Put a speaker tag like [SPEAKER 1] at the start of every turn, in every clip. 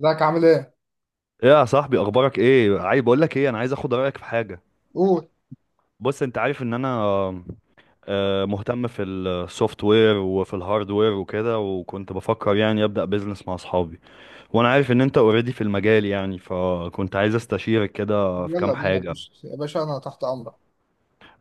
[SPEAKER 1] ازيك عامل ايه؟
[SPEAKER 2] ايه يا صاحبي، اخبارك ايه؟ عايز بقول لك ايه، انا عايز اخد رايك في حاجه.
[SPEAKER 1] قول.
[SPEAKER 2] بص، انت عارف ان انا مهتم في السوفت وير وفي الهاردوير وكده، وكنت بفكر يعني ابدا بيزنس مع اصحابي. وانا عارف ان انت اوريدي في المجال يعني، فكنت عايز استشيرك كده في
[SPEAKER 1] يلا
[SPEAKER 2] كام
[SPEAKER 1] بينا،
[SPEAKER 2] حاجه.
[SPEAKER 1] بص يا باشا انا تحت امرك.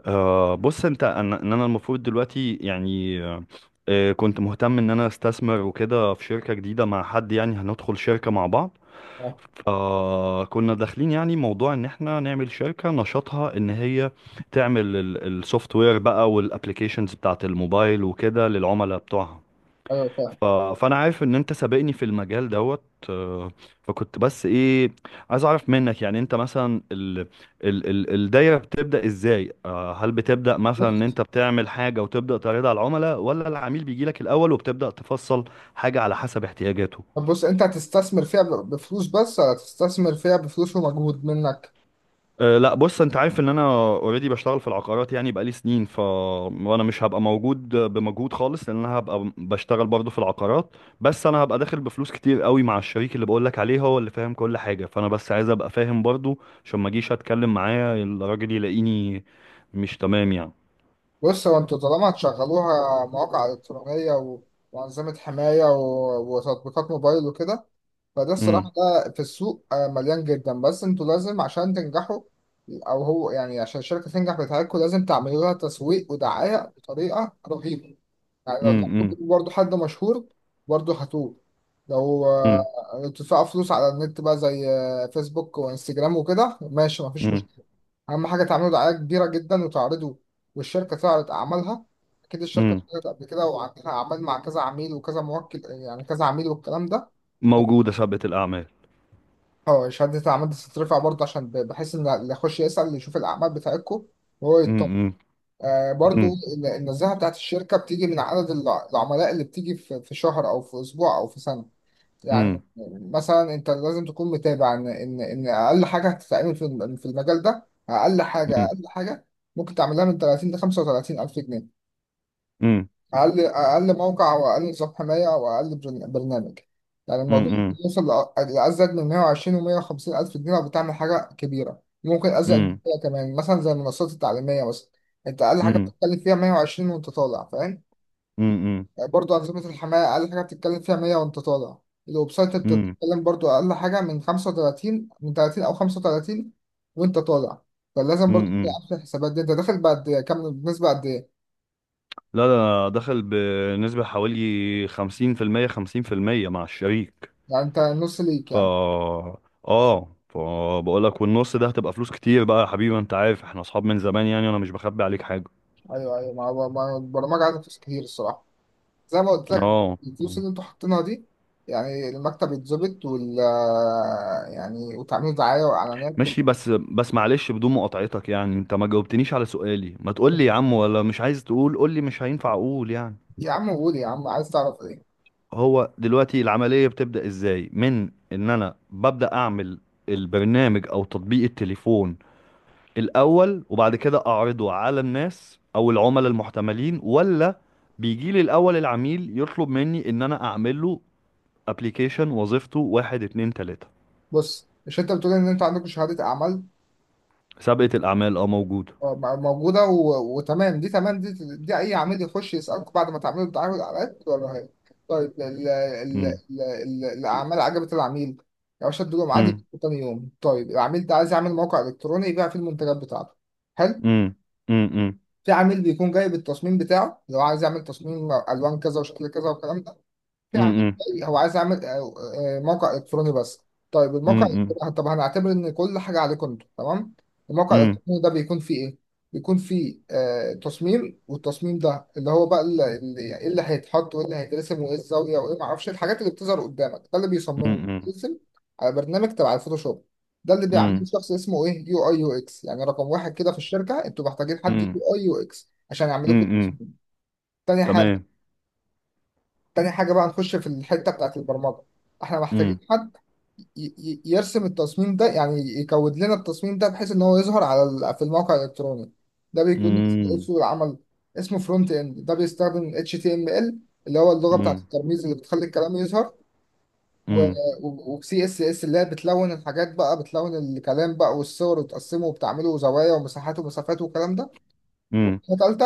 [SPEAKER 2] بص انت ان انا المفروض دلوقتي يعني كنت مهتم ان انا استثمر وكده في شركه جديده مع حد، يعني هندخل شركه مع بعض.
[SPEAKER 1] اه.
[SPEAKER 2] كنا داخلين يعني موضوع ان احنا نعمل شركة نشاطها ان هي تعمل السوفت وير بقى والابليكيشنز بتاعت الموبايل وكده للعملاء بتوعها.
[SPEAKER 1] ايوه، فاهم.
[SPEAKER 2] فانا عارف ان انت سابقني في المجال دوت. آه فكنت بس ايه، عايز اعرف منك، يعني انت مثلا الدايرة بتبدأ ازاي؟ هل بتبدأ مثلا ان
[SPEAKER 1] بص.
[SPEAKER 2] انت بتعمل حاجة وتبدأ تعرضها على العملاء، ولا العميل بيجي لك الاول وبتبدأ تفصل حاجة على حسب احتياجاته؟
[SPEAKER 1] طب بص، انت هتستثمر فيها بفلوس بس ولا هتستثمر فيها بفلوس ومجهود منك؟
[SPEAKER 2] أه، لا. بص، انت عارف ان انا اوريدي بشتغل في العقارات يعني بقالي سنين، وانا مش هبقى موجود بمجهود خالص، لان انا هبقى بشتغل برضه في العقارات. بس انا هبقى داخل بفلوس كتير قوي مع الشريك اللي بقول لك عليه، هو اللي فاهم كل حاجه، فانا بس عايز ابقى فاهم برضه عشان ما اجيش اتكلم معاه الراجل يلاقيني مش تمام يعني.
[SPEAKER 1] بص، هو انتوا طالما هتشغلوها مواقع الكترونيه وانظمه حمايه وتطبيقات موبايل وكده، فده
[SPEAKER 2] امم.
[SPEAKER 1] الصراحة، ده في السوق مليان جدا. بس انتوا لازم عشان تنجحوا، او هو يعني عشان الشركة تنجح بتاعتكم، لازم تعملوا لها تسويق ودعاية بطريقة رهيبة. يعني لو تلاقوا
[SPEAKER 2] امم.
[SPEAKER 1] برضه حد مشهور برضه هتوه. لو
[SPEAKER 2] امم.
[SPEAKER 1] تدفعوا فلوس على النت بقى زي فيسبوك وانستجرام وكده، ماشي، مفيش
[SPEAKER 2] امم.
[SPEAKER 1] مشكلة. أهم حاجة تعملوا دعاية كبيرة جدا وتعرضوا، والشركة تعرض أعمالها. أكيد الشركة
[SPEAKER 2] امم.
[SPEAKER 1] اتعرضت قبل كده وعندها أعمال مع كذا عميل وكذا موكل، يعني كذا عميل والكلام ده.
[SPEAKER 2] موجوده سابقه الاعمال.
[SPEAKER 1] اه، شهادة الأعمال دي تترفع برضه عشان بحيث إن اللي يخش يسأل يشوف الأعمال بتاعتكم وهو يطمن.
[SPEAKER 2] امم.
[SPEAKER 1] آه، برضه
[SPEAKER 2] امم.
[SPEAKER 1] النزاهة بتاعت الشركة بتيجي من عدد العملاء اللي بتيجي في شهر أو في أسبوع أو في سنة.
[SPEAKER 2] امم.
[SPEAKER 1] يعني مثلا أنت لازم تكون متابع إن أقل حاجة هتتعمل في المجال ده. أقل حاجة
[SPEAKER 2] امم.
[SPEAKER 1] أقل حاجة ممكن تعملها من 30 ل 35 ألف جنيه.
[SPEAKER 2] امم.
[SPEAKER 1] اقل، اقل موقع او اقل نظام حمايه او اقل برنامج. يعني الموضوع
[SPEAKER 2] امم.
[SPEAKER 1] ممكن يوصل لازيد من 120 و150 الف جنيه، لو بتعمل حاجه كبيره ممكن ازيد من كده كمان، مثلا زي المنصات التعليميه مثلا. انت اقل حاجه
[SPEAKER 2] امم.
[SPEAKER 1] بتتكلم فيها 120 وانت طالع، فاهم.
[SPEAKER 2] امم.
[SPEAKER 1] يعني برضو انظمه الحمايه اقل حاجه بتتكلم فيها 100 وانت طالع. الويب سايت انت
[SPEAKER 2] امم.
[SPEAKER 1] بتتكلم برضو اقل حاجه من 35، من 30 او 35 وانت طالع. فلازم برضو تبقى
[SPEAKER 2] امم.
[SPEAKER 1] عارف الحسابات دي، انت داخل بعد كام، بنسبه قد ايه.
[SPEAKER 2] لا، ده أنا دخل بنسبة حوالي خمسين في المية، خمسين في المية مع الشريك.
[SPEAKER 1] يعني انت نص ليك يعني.
[SPEAKER 2] فا اه، فبقول لك والنص ده هتبقى فلوس كتير بقى يا حبيبي. انت عارف احنا اصحاب من زمان يعني، انا مش بخبي عليك حاجة.
[SPEAKER 1] ايوه ايوه، ما هو البرمجه عايزه فلوس كتير الصراحه، زي ما قلت لك.
[SPEAKER 2] اه،
[SPEAKER 1] الفلوس اللي انتوا حاطينها دي، يعني المكتب يتظبط وال آه، يعني وتعملوا دعايه واعلانات.
[SPEAKER 2] ماشي. بس، معلش بدون مقاطعتك، يعني انت ما جاوبتنيش على سؤالي. ما تقول لي يا عم، ولا مش عايز تقول؟ قول لي، مش هينفع اقول يعني؟
[SPEAKER 1] يا عم قول، يا عم عايز تعرف ايه؟
[SPEAKER 2] هو دلوقتي العملية بتبدأ ازاي؟ من ان انا ببدأ اعمل البرنامج او تطبيق التليفون الأول، وبعد كده أعرضه على الناس أو العملاء المحتملين، ولا بيجي لي الأول العميل يطلب مني إن أنا أعمل له أبليكيشن وظيفته واحد اتنين تلاتة؟
[SPEAKER 1] بص، مش انت بتقول ان انت عندك شهاده اعمال؟
[SPEAKER 2] سابقة الأعمال أه موجودة.
[SPEAKER 1] موجودة وتمام. دي تمام، دي أي عميل يخش يسألكم بعد ما تعملوا الدعاية والإعلانات، ولا هي؟ طيب
[SPEAKER 2] مم.
[SPEAKER 1] الأعمال عجبت العميل، يا باشا ادوا له ميعاد
[SPEAKER 2] مم.
[SPEAKER 1] يجيبوا تاني يوم. طيب العميل ده عايز يعمل موقع إلكتروني يبيع فيه المنتجات بتاعته، حلو.
[SPEAKER 2] مم. مم. مم.
[SPEAKER 1] في عميل بيكون جايب التصميم بتاعه، لو عايز يعمل تصميم ألوان كذا وشكل كذا والكلام. يا عم،
[SPEAKER 2] مم.
[SPEAKER 1] هو عايز يعمل موقع الكتروني بس. طيب الموقع
[SPEAKER 2] مم.
[SPEAKER 1] طب هنعتبر ان كل حاجه عليكم انتوا، تمام. الموقع
[SPEAKER 2] مم.
[SPEAKER 1] الالكتروني ده بيكون فيه ايه؟ بيكون فيه آه تصميم، والتصميم ده اللي هو بقى ايه اللي هيتحط وايه اللي هيترسم وايه الزاويه وايه، ما اعرفش الحاجات اللي بتظهر قدامك، ده اللي بيصممه
[SPEAKER 2] مم.
[SPEAKER 1] بيترسم على برنامج تبع الفوتوشوب. ده اللي بيعمله
[SPEAKER 2] مم.
[SPEAKER 1] شخص اسمه ايه؟ يو اي، يو اكس. يعني رقم واحد كده في الشركه، انتوا محتاجين حد يو اي يو اكس عشان يعمل
[SPEAKER 2] مم.
[SPEAKER 1] لكم.
[SPEAKER 2] مم.
[SPEAKER 1] تاني حاجه،
[SPEAKER 2] تمام.
[SPEAKER 1] تاني حاجة بقى هنخش في الحتة بتاعت البرمجة. احنا محتاجين
[SPEAKER 2] مم.
[SPEAKER 1] حد يرسم التصميم ده، يعني يكود لنا التصميم ده بحيث ان هو يظهر على في الموقع الالكتروني. ده بيكون اسمه إيه
[SPEAKER 2] مم.
[SPEAKER 1] سوق العمل؟ اسمه فرونت اند. ده بيستخدم HTML اللي هو اللغة بتاعت الترميز اللي بتخلي الكلام يظهر، و
[SPEAKER 2] مم.
[SPEAKER 1] وسي اس اس اللي هي بتلون الحاجات بقى، بتلون الكلام بقى والصور، وتقسمه وبتعمله زوايا ومساحات ومسافات والكلام ده.
[SPEAKER 2] مم.
[SPEAKER 1] تالتة،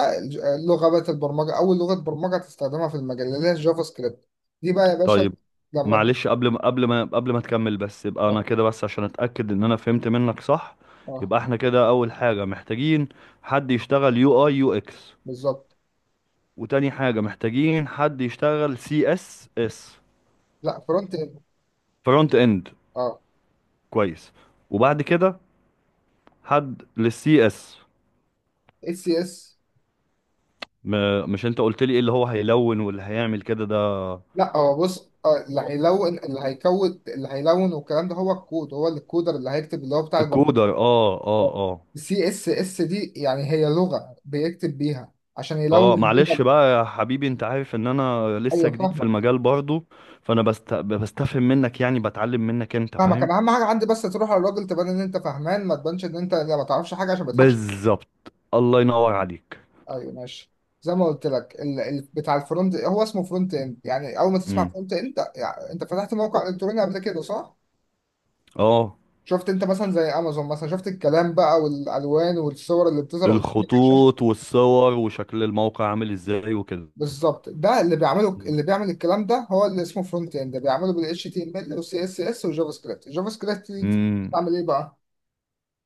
[SPEAKER 1] لغة بقت البرمجة، أول لغة برمجة هتستخدمها في المجال، اللي هي الجافا سكريبت. دي بقى يا باشا
[SPEAKER 2] طيب،
[SPEAKER 1] لما
[SPEAKER 2] معلش. قبل ما تكمل بس، يبقى
[SPEAKER 1] اه،
[SPEAKER 2] انا كده بس عشان اتاكد ان انا فهمت منك صح.
[SPEAKER 1] اه،
[SPEAKER 2] يبقى احنا كده اول حاجه محتاجين حد يشتغل يو اي يو اكس،
[SPEAKER 1] بالظبط.
[SPEAKER 2] وتاني حاجه محتاجين حد يشتغل سي اس اس.
[SPEAKER 1] لا، فرونت اند.
[SPEAKER 2] فرونت اند.
[SPEAKER 1] اه.
[SPEAKER 2] كويس. وبعد كده حد للسي اس.
[SPEAKER 1] اس سي اس.
[SPEAKER 2] مش انت قلت لي ايه اللي هو هيلون واللي هيعمل كده ده؟
[SPEAKER 1] لا، هو بص، آه اللي هيلون، اللي هيكود، اللي هيلون والكلام ده هو الكود، هو اللي الكودر اللي هيكتب، اللي هو بتاع البرمجة.
[SPEAKER 2] الكودر، اه اه آه.
[SPEAKER 1] السي اس اس دي يعني هي لغة بيكتب بيها عشان
[SPEAKER 2] اه،
[SPEAKER 1] يلون بيها.
[SPEAKER 2] معلش بقى يا حبيبي، انت عارف ان انا لسه
[SPEAKER 1] ايوه،
[SPEAKER 2] جديد في
[SPEAKER 1] فاهمك.
[SPEAKER 2] المجال برضو، فانا بستفهم منك، يعني بتعلم منك، انت فاهم.
[SPEAKER 1] انا اهم حاجة عندي بس تروح على الراجل تبان ان انت فاهمان ما تبانش ان انت ما تعرفش حاجة عشان ما يضحكش.
[SPEAKER 2] بالظبط، الله ينور عليك.
[SPEAKER 1] ايوه ماشي. زي ما قلت لك بتاع الفرونت هو اسمه فرونت اند. يعني اول ما تسمع
[SPEAKER 2] امم.
[SPEAKER 1] فرونت اند، يعني انت فتحت موقع الكتروني قبل كده، صح؟
[SPEAKER 2] اه.
[SPEAKER 1] شفت انت مثلا زي امازون مثلا، شفت الكلام بقى والالوان والصور اللي بتظهر قدامك على الشاشه؟
[SPEAKER 2] الخطوط والصور وشكل الموقع عامل ازاي وكده.
[SPEAKER 1] بالظبط، ده اللي بيعمله، اللي بيعمل الكلام ده هو اللي اسمه فرونت اند، بيعمله بال HTML وال CSS والجافا سكريبت. الجافا سكريبت دي
[SPEAKER 2] امم.
[SPEAKER 1] بتعمل ايه بقى؟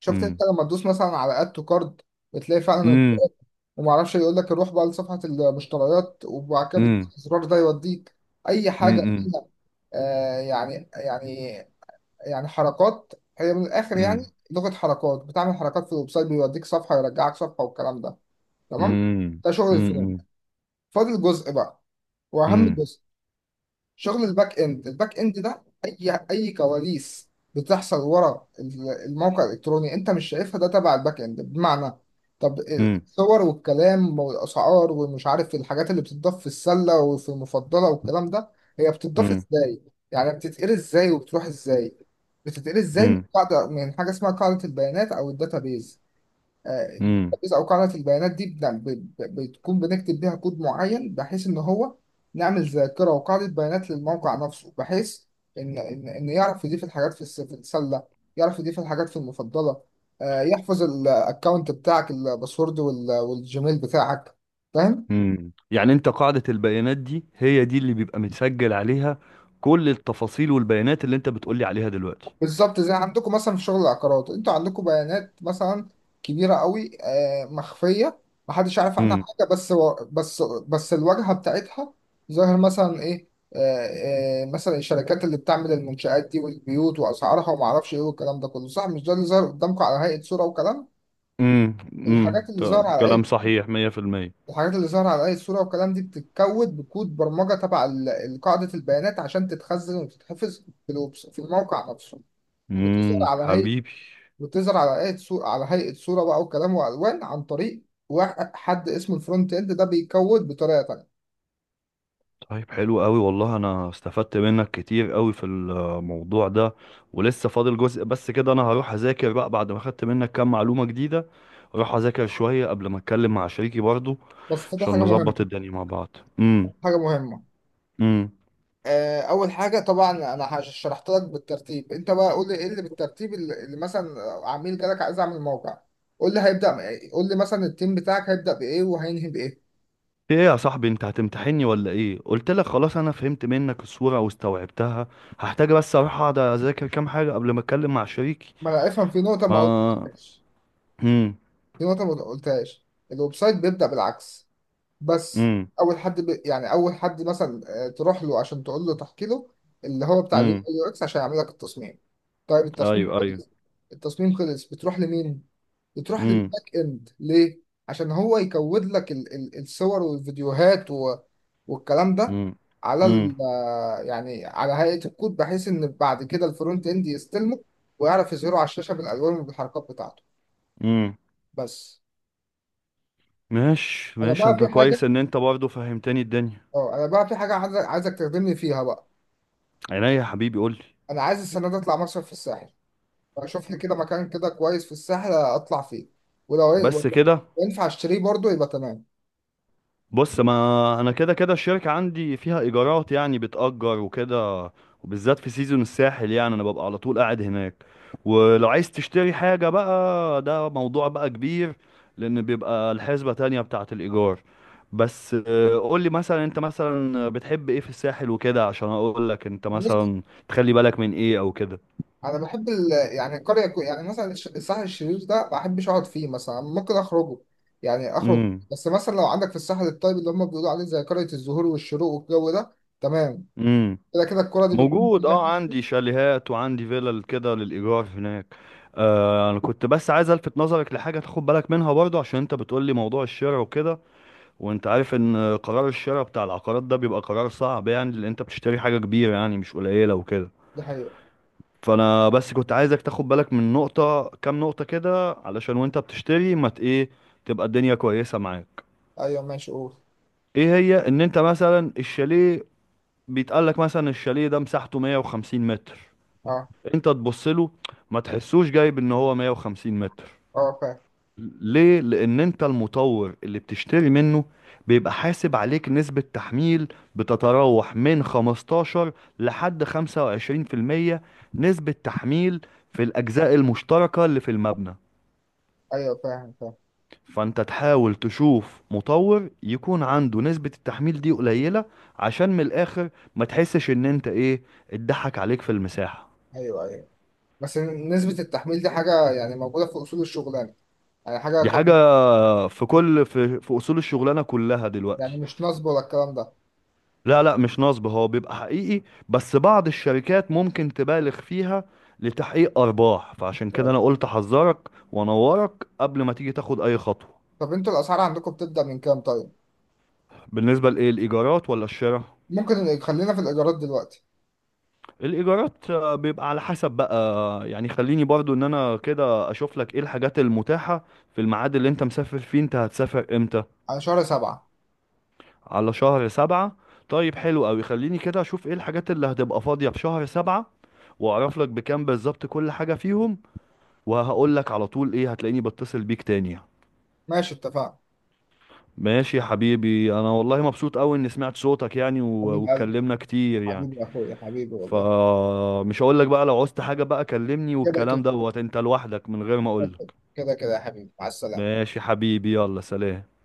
[SPEAKER 1] شفت انت
[SPEAKER 2] امم.
[SPEAKER 1] لما تدوس مثلا على اد تو كارد، بتلاقي فعلا
[SPEAKER 2] امم.
[SPEAKER 1] البطاقة، وما اعرفش يقول لك روح بقى لصفحه المشتريات، وبعد كده
[SPEAKER 2] امم.
[SPEAKER 1] الزرار ده يوديك اي حاجه
[SPEAKER 2] امم.
[SPEAKER 1] فيها. آه يعني يعني يعني حركات، هي من الاخر يعني
[SPEAKER 2] امم.
[SPEAKER 1] لغه حركات بتعمل حركات في الويب سايت، بيوديك صفحه، يرجعك صفحه والكلام ده، تمام.
[SPEAKER 2] امم.
[SPEAKER 1] ده شغل الفريم.
[SPEAKER 2] امم.
[SPEAKER 1] فاضل جزء بقى، واهم
[SPEAKER 2] امم.
[SPEAKER 1] جزء، شغل الباك اند. الباك اند ده اي كواليس بتحصل ورا الموقع الالكتروني، انت مش شايفها، ده تبع الباك اند. بمعنى طب
[SPEAKER 2] امم.
[SPEAKER 1] الصور والكلام والاسعار ومش عارف الحاجات اللي بتضاف في السله وفي المفضله والكلام ده، هي بتضاف ازاي؟ يعني بتتقري ازاي وبتروح ازاي؟ بتتقري ازاي من
[SPEAKER 2] امم.
[SPEAKER 1] قاعده، من حاجه اسمها قاعده البيانات، او الداتابيز.
[SPEAKER 2] امم.
[SPEAKER 1] الترابيزه او قاعده البيانات دي بتكون بنكتب بيها كود معين، بحيث ان هو نعمل ذاكره وقاعده بيانات للموقع نفسه، بحيث ان ان إن يعرف يضيف الحاجات في السله، يعرف يضيف الحاجات في المفضله، يحفظ الاكونت بتاعك، الباسورد والجيميل بتاعك، فاهم.
[SPEAKER 2] امم. يعني انت قاعدة البيانات دي هي دي اللي بيبقى متسجل عليها كل التفاصيل والبيانات اللي انت بتقولي عليها دلوقتي؟
[SPEAKER 1] بالظبط، زي عندكم مثلا في شغل العقارات، انتوا عندكم بيانات مثلا كبيره قوي مخفيه، محدش عارف عنها
[SPEAKER 2] امم.
[SPEAKER 1] حاجه، بس و- بس بس الواجهه بتاعتها ظاهر مثلا ايه، مثلا الشركات اللي بتعمل المنشآت دي والبيوت واسعارها، وما اعرفش ايه والكلام ده كله، صح؟ مش ده اللي ظاهر قدامكم على هيئه صوره وكلام؟
[SPEAKER 2] امم. امم.
[SPEAKER 1] الحاجات اللي ظاهره على هيئه
[SPEAKER 2] كلام صحيح 100%.
[SPEAKER 1] الحاجات اللي ظاهره على هيئه صوره وكلام دي بتتكود بكود برمجه تبع قاعده البيانات، عشان تتخزن وتتحفظ في الموقع نفسه. بتظهر
[SPEAKER 2] امم.
[SPEAKER 1] على هيئه
[SPEAKER 2] حبيبي.
[SPEAKER 1] بتظهر على هيئة صورة على هيئة صورة بقى وكلام وألوان، عن طريق واحد، حد اسمه الفرونت إند، ده بيكود بطريقة تانية.
[SPEAKER 2] طيب، حلو قوي والله، انا استفدت منك كتير قوي في الموضوع ده، ولسه فاضل جزء. بس كده انا هروح اذاكر بقى بعد ما خدت منك كام معلومة جديدة. اروح اذاكر شوية قبل ما اتكلم مع شريكي برضو
[SPEAKER 1] بس فده
[SPEAKER 2] عشان
[SPEAKER 1] حاجة مهمة،
[SPEAKER 2] نظبط الدنيا مع بعض. امم.
[SPEAKER 1] حاجة مهمة.
[SPEAKER 2] امم.
[SPEAKER 1] أول حاجة طبعا، أنا شرحت لك بالترتيب. أنت بقى قول لي إيه اللي بالترتيب، اللي مثلا عميل جالك عايز أعمل موقع، قول لي هيبدأ بإيه. قول لي مثلا التيم بتاعك هيبدأ بإيه وهينهي بإيه.
[SPEAKER 2] في ايه يا صاحبي؟ انت هتمتحني ولا ايه؟ قلت لك خلاص انا فهمت منك الصورة واستوعبتها. هحتاج بس اروح اقعد اذاكر كام حاجة قبل ما اتكلم مع شريكي.
[SPEAKER 1] ما أنا أفهم في نقطة ما
[SPEAKER 2] ما
[SPEAKER 1] قلتهاش.
[SPEAKER 2] امم.
[SPEAKER 1] الويب سايت بيبدأ بالعكس، بس.
[SPEAKER 2] امم.
[SPEAKER 1] اول حد يعني اول حد مثلا تروح له عشان تقول له، تحكي له اللي هو بتاع
[SPEAKER 2] امم.
[SPEAKER 1] اليو اكس عشان يعمل لك التصميم. طيب التصميم
[SPEAKER 2] ايوه
[SPEAKER 1] خلص،
[SPEAKER 2] ايوه.
[SPEAKER 1] التصميم خلص، بتروح لمين؟ بتروح
[SPEAKER 2] امم.
[SPEAKER 1] للباك اند. ليه؟ عشان هو يكود لك الصور والفيديوهات والكلام ده
[SPEAKER 2] امم.
[SPEAKER 1] على
[SPEAKER 2] امم.
[SPEAKER 1] ال... آه، يعني على هيئة الكود، بحيث ان بعد كده الفرونت اند يستلمه، ويعرف يظهره على الشاشة بالالوان وبالحركات بتاعته،
[SPEAKER 2] امم.
[SPEAKER 1] بس.
[SPEAKER 2] ماشي
[SPEAKER 1] انا
[SPEAKER 2] ماشي،
[SPEAKER 1] بقى
[SPEAKER 2] انت
[SPEAKER 1] في حاجة،
[SPEAKER 2] كويس ان انت برضه فهمتني الدنيا.
[SPEAKER 1] اه انا بقى في حاجة عايزك تخدمني فيها بقى.
[SPEAKER 2] عينيا يا حبيبي، قولي.
[SPEAKER 1] انا عايز السنه دي اطلع مصيف في الساحل، اشوف لي كده مكان كده كويس في الساحل اطلع فيه، ولو
[SPEAKER 2] بس كده.
[SPEAKER 1] ينفع اشتريه برضه يبقى تمام.
[SPEAKER 2] بص، ما انا كده كده الشركة عندي فيها ايجارات يعني، بتأجر وكده. وبالذات في سيزون الساحل يعني انا ببقى على طول قاعد هناك. ولو عايز تشتري حاجة بقى، ده موضوع بقى كبير، لان بيبقى الحسبة تانية بتاعة الايجار. بس قول لي مثلا، انت مثلا بتحب ايه في الساحل وكده عشان اقول لك انت
[SPEAKER 1] بص،
[SPEAKER 2] مثلا تخلي بالك من ايه او كده.
[SPEAKER 1] انا بحب يعني القريه يعني مثلا الساحل الشرير ده، ما بحبش اقعد فيه مثلا، ممكن اخرجه يعني، اخرج. بس مثلا لو عندك في الساحل الطيب اللي هم بيقولوا عليه، زي قريه الزهور والشروق والجو ده تمام.
[SPEAKER 2] امم.
[SPEAKER 1] كده كده الكره دي بتكون
[SPEAKER 2] موجود، اه،
[SPEAKER 1] كلها.
[SPEAKER 2] عندي شاليهات وعندي فيلل كده للإيجار هناك. انا كنت بس عايز الفت نظرك لحاجة تاخد بالك منها برضو، عشان انت بتقول لي موضوع الشراء وكده، وانت عارف ان قرار الشراء بتاع العقارات ده بيبقى قرار صعب يعني، لان انت بتشتري حاجة كبيرة يعني مش قليلة وكده.
[SPEAKER 1] دي حقيقه.
[SPEAKER 2] فانا بس كنت عايزك تاخد بالك من نقطة، كام نقطة كده، علشان وانت بتشتري ما ت- ايه، تبقى الدنيا كويسة معاك.
[SPEAKER 1] ايوه ماشي، قول.
[SPEAKER 2] ايه هي؟ ان انت مثلا الشاليه بيتقال لك مثلا الشاليه ده مساحته 150 متر،
[SPEAKER 1] اه،
[SPEAKER 2] انت تبص له ما تحسوش جايب ان هو 150 متر.
[SPEAKER 1] اه، فاهم.
[SPEAKER 2] ليه؟ لان انت المطور اللي بتشتري منه بيبقى حاسب عليك نسبة تحميل بتتراوح من 15 لحد 25%، نسبة تحميل في الأجزاء المشتركة اللي في المبنى.
[SPEAKER 1] ايوه فاهم، فاهم.
[SPEAKER 2] فأنت تحاول تشوف مطور يكون عنده نسبة التحميل دي قليلة، عشان من الآخر ما تحسش إن أنت إيه، اتضحك عليك في المساحة.
[SPEAKER 1] ايوه، ايوه. بس نسبه التحميل دي حاجه يعني موجوده في اصول الشغلانه، يعني حاجة
[SPEAKER 2] دي حاجة في كل، في أصول الشغلانة كلها
[SPEAKER 1] يعني
[SPEAKER 2] دلوقتي.
[SPEAKER 1] مش نصب ولا الكلام ده.
[SPEAKER 2] لا لا، مش نصب، هو بيبقى حقيقي، بس بعض الشركات ممكن تبالغ فيها لتحقيق أرباح، فعشان كده أنا قلت أحذرك وأنورك قبل ما تيجي تاخد أي خطوة.
[SPEAKER 1] طب انتوا الأسعار عندكم بتبدأ من كام طيب؟
[SPEAKER 2] بالنسبة لإيه، الإيجارات ولا الشراء؟
[SPEAKER 1] ممكن خلينا في الإيجارات دلوقتي.
[SPEAKER 2] الإيجارات بيبقى على حسب بقى يعني، خليني برضو إن أنا كده أشوف لك إيه الحاجات المتاحة في الميعاد اللي أنت مسافر فيه. أنت هتسافر إمتى؟
[SPEAKER 1] على شهر سبعة.
[SPEAKER 2] على شهر سبعة. طيب حلو أوي. خليني كده أشوف إيه الحاجات اللي هتبقى فاضية في شهر سبعة، وأعرف لك بكام بالظبط كل حاجة فيهم، وهقول لك على طول. إيه، هتلاقيني بتصل بيك تاني يعني.
[SPEAKER 1] ماشي، اتفقنا.
[SPEAKER 2] ماشي يا حبيبي، أنا والله مبسوط أوي إني سمعت صوتك يعني،
[SPEAKER 1] حبيب قلبي،
[SPEAKER 2] واتكلمنا كتير يعني.
[SPEAKER 1] حبيبي يا أخويا، حبيبي والله.
[SPEAKER 2] فمش هقول لك بقى، لو عوزت حاجة بقى كلمني
[SPEAKER 1] كده
[SPEAKER 2] والكلام
[SPEAKER 1] كده،
[SPEAKER 2] دوت، أنت لوحدك من غير ما أقول لك.
[SPEAKER 1] كده كده يا حبيبي، مع السلامة.
[SPEAKER 2] ماشي يا حبيبي، يلا سلام.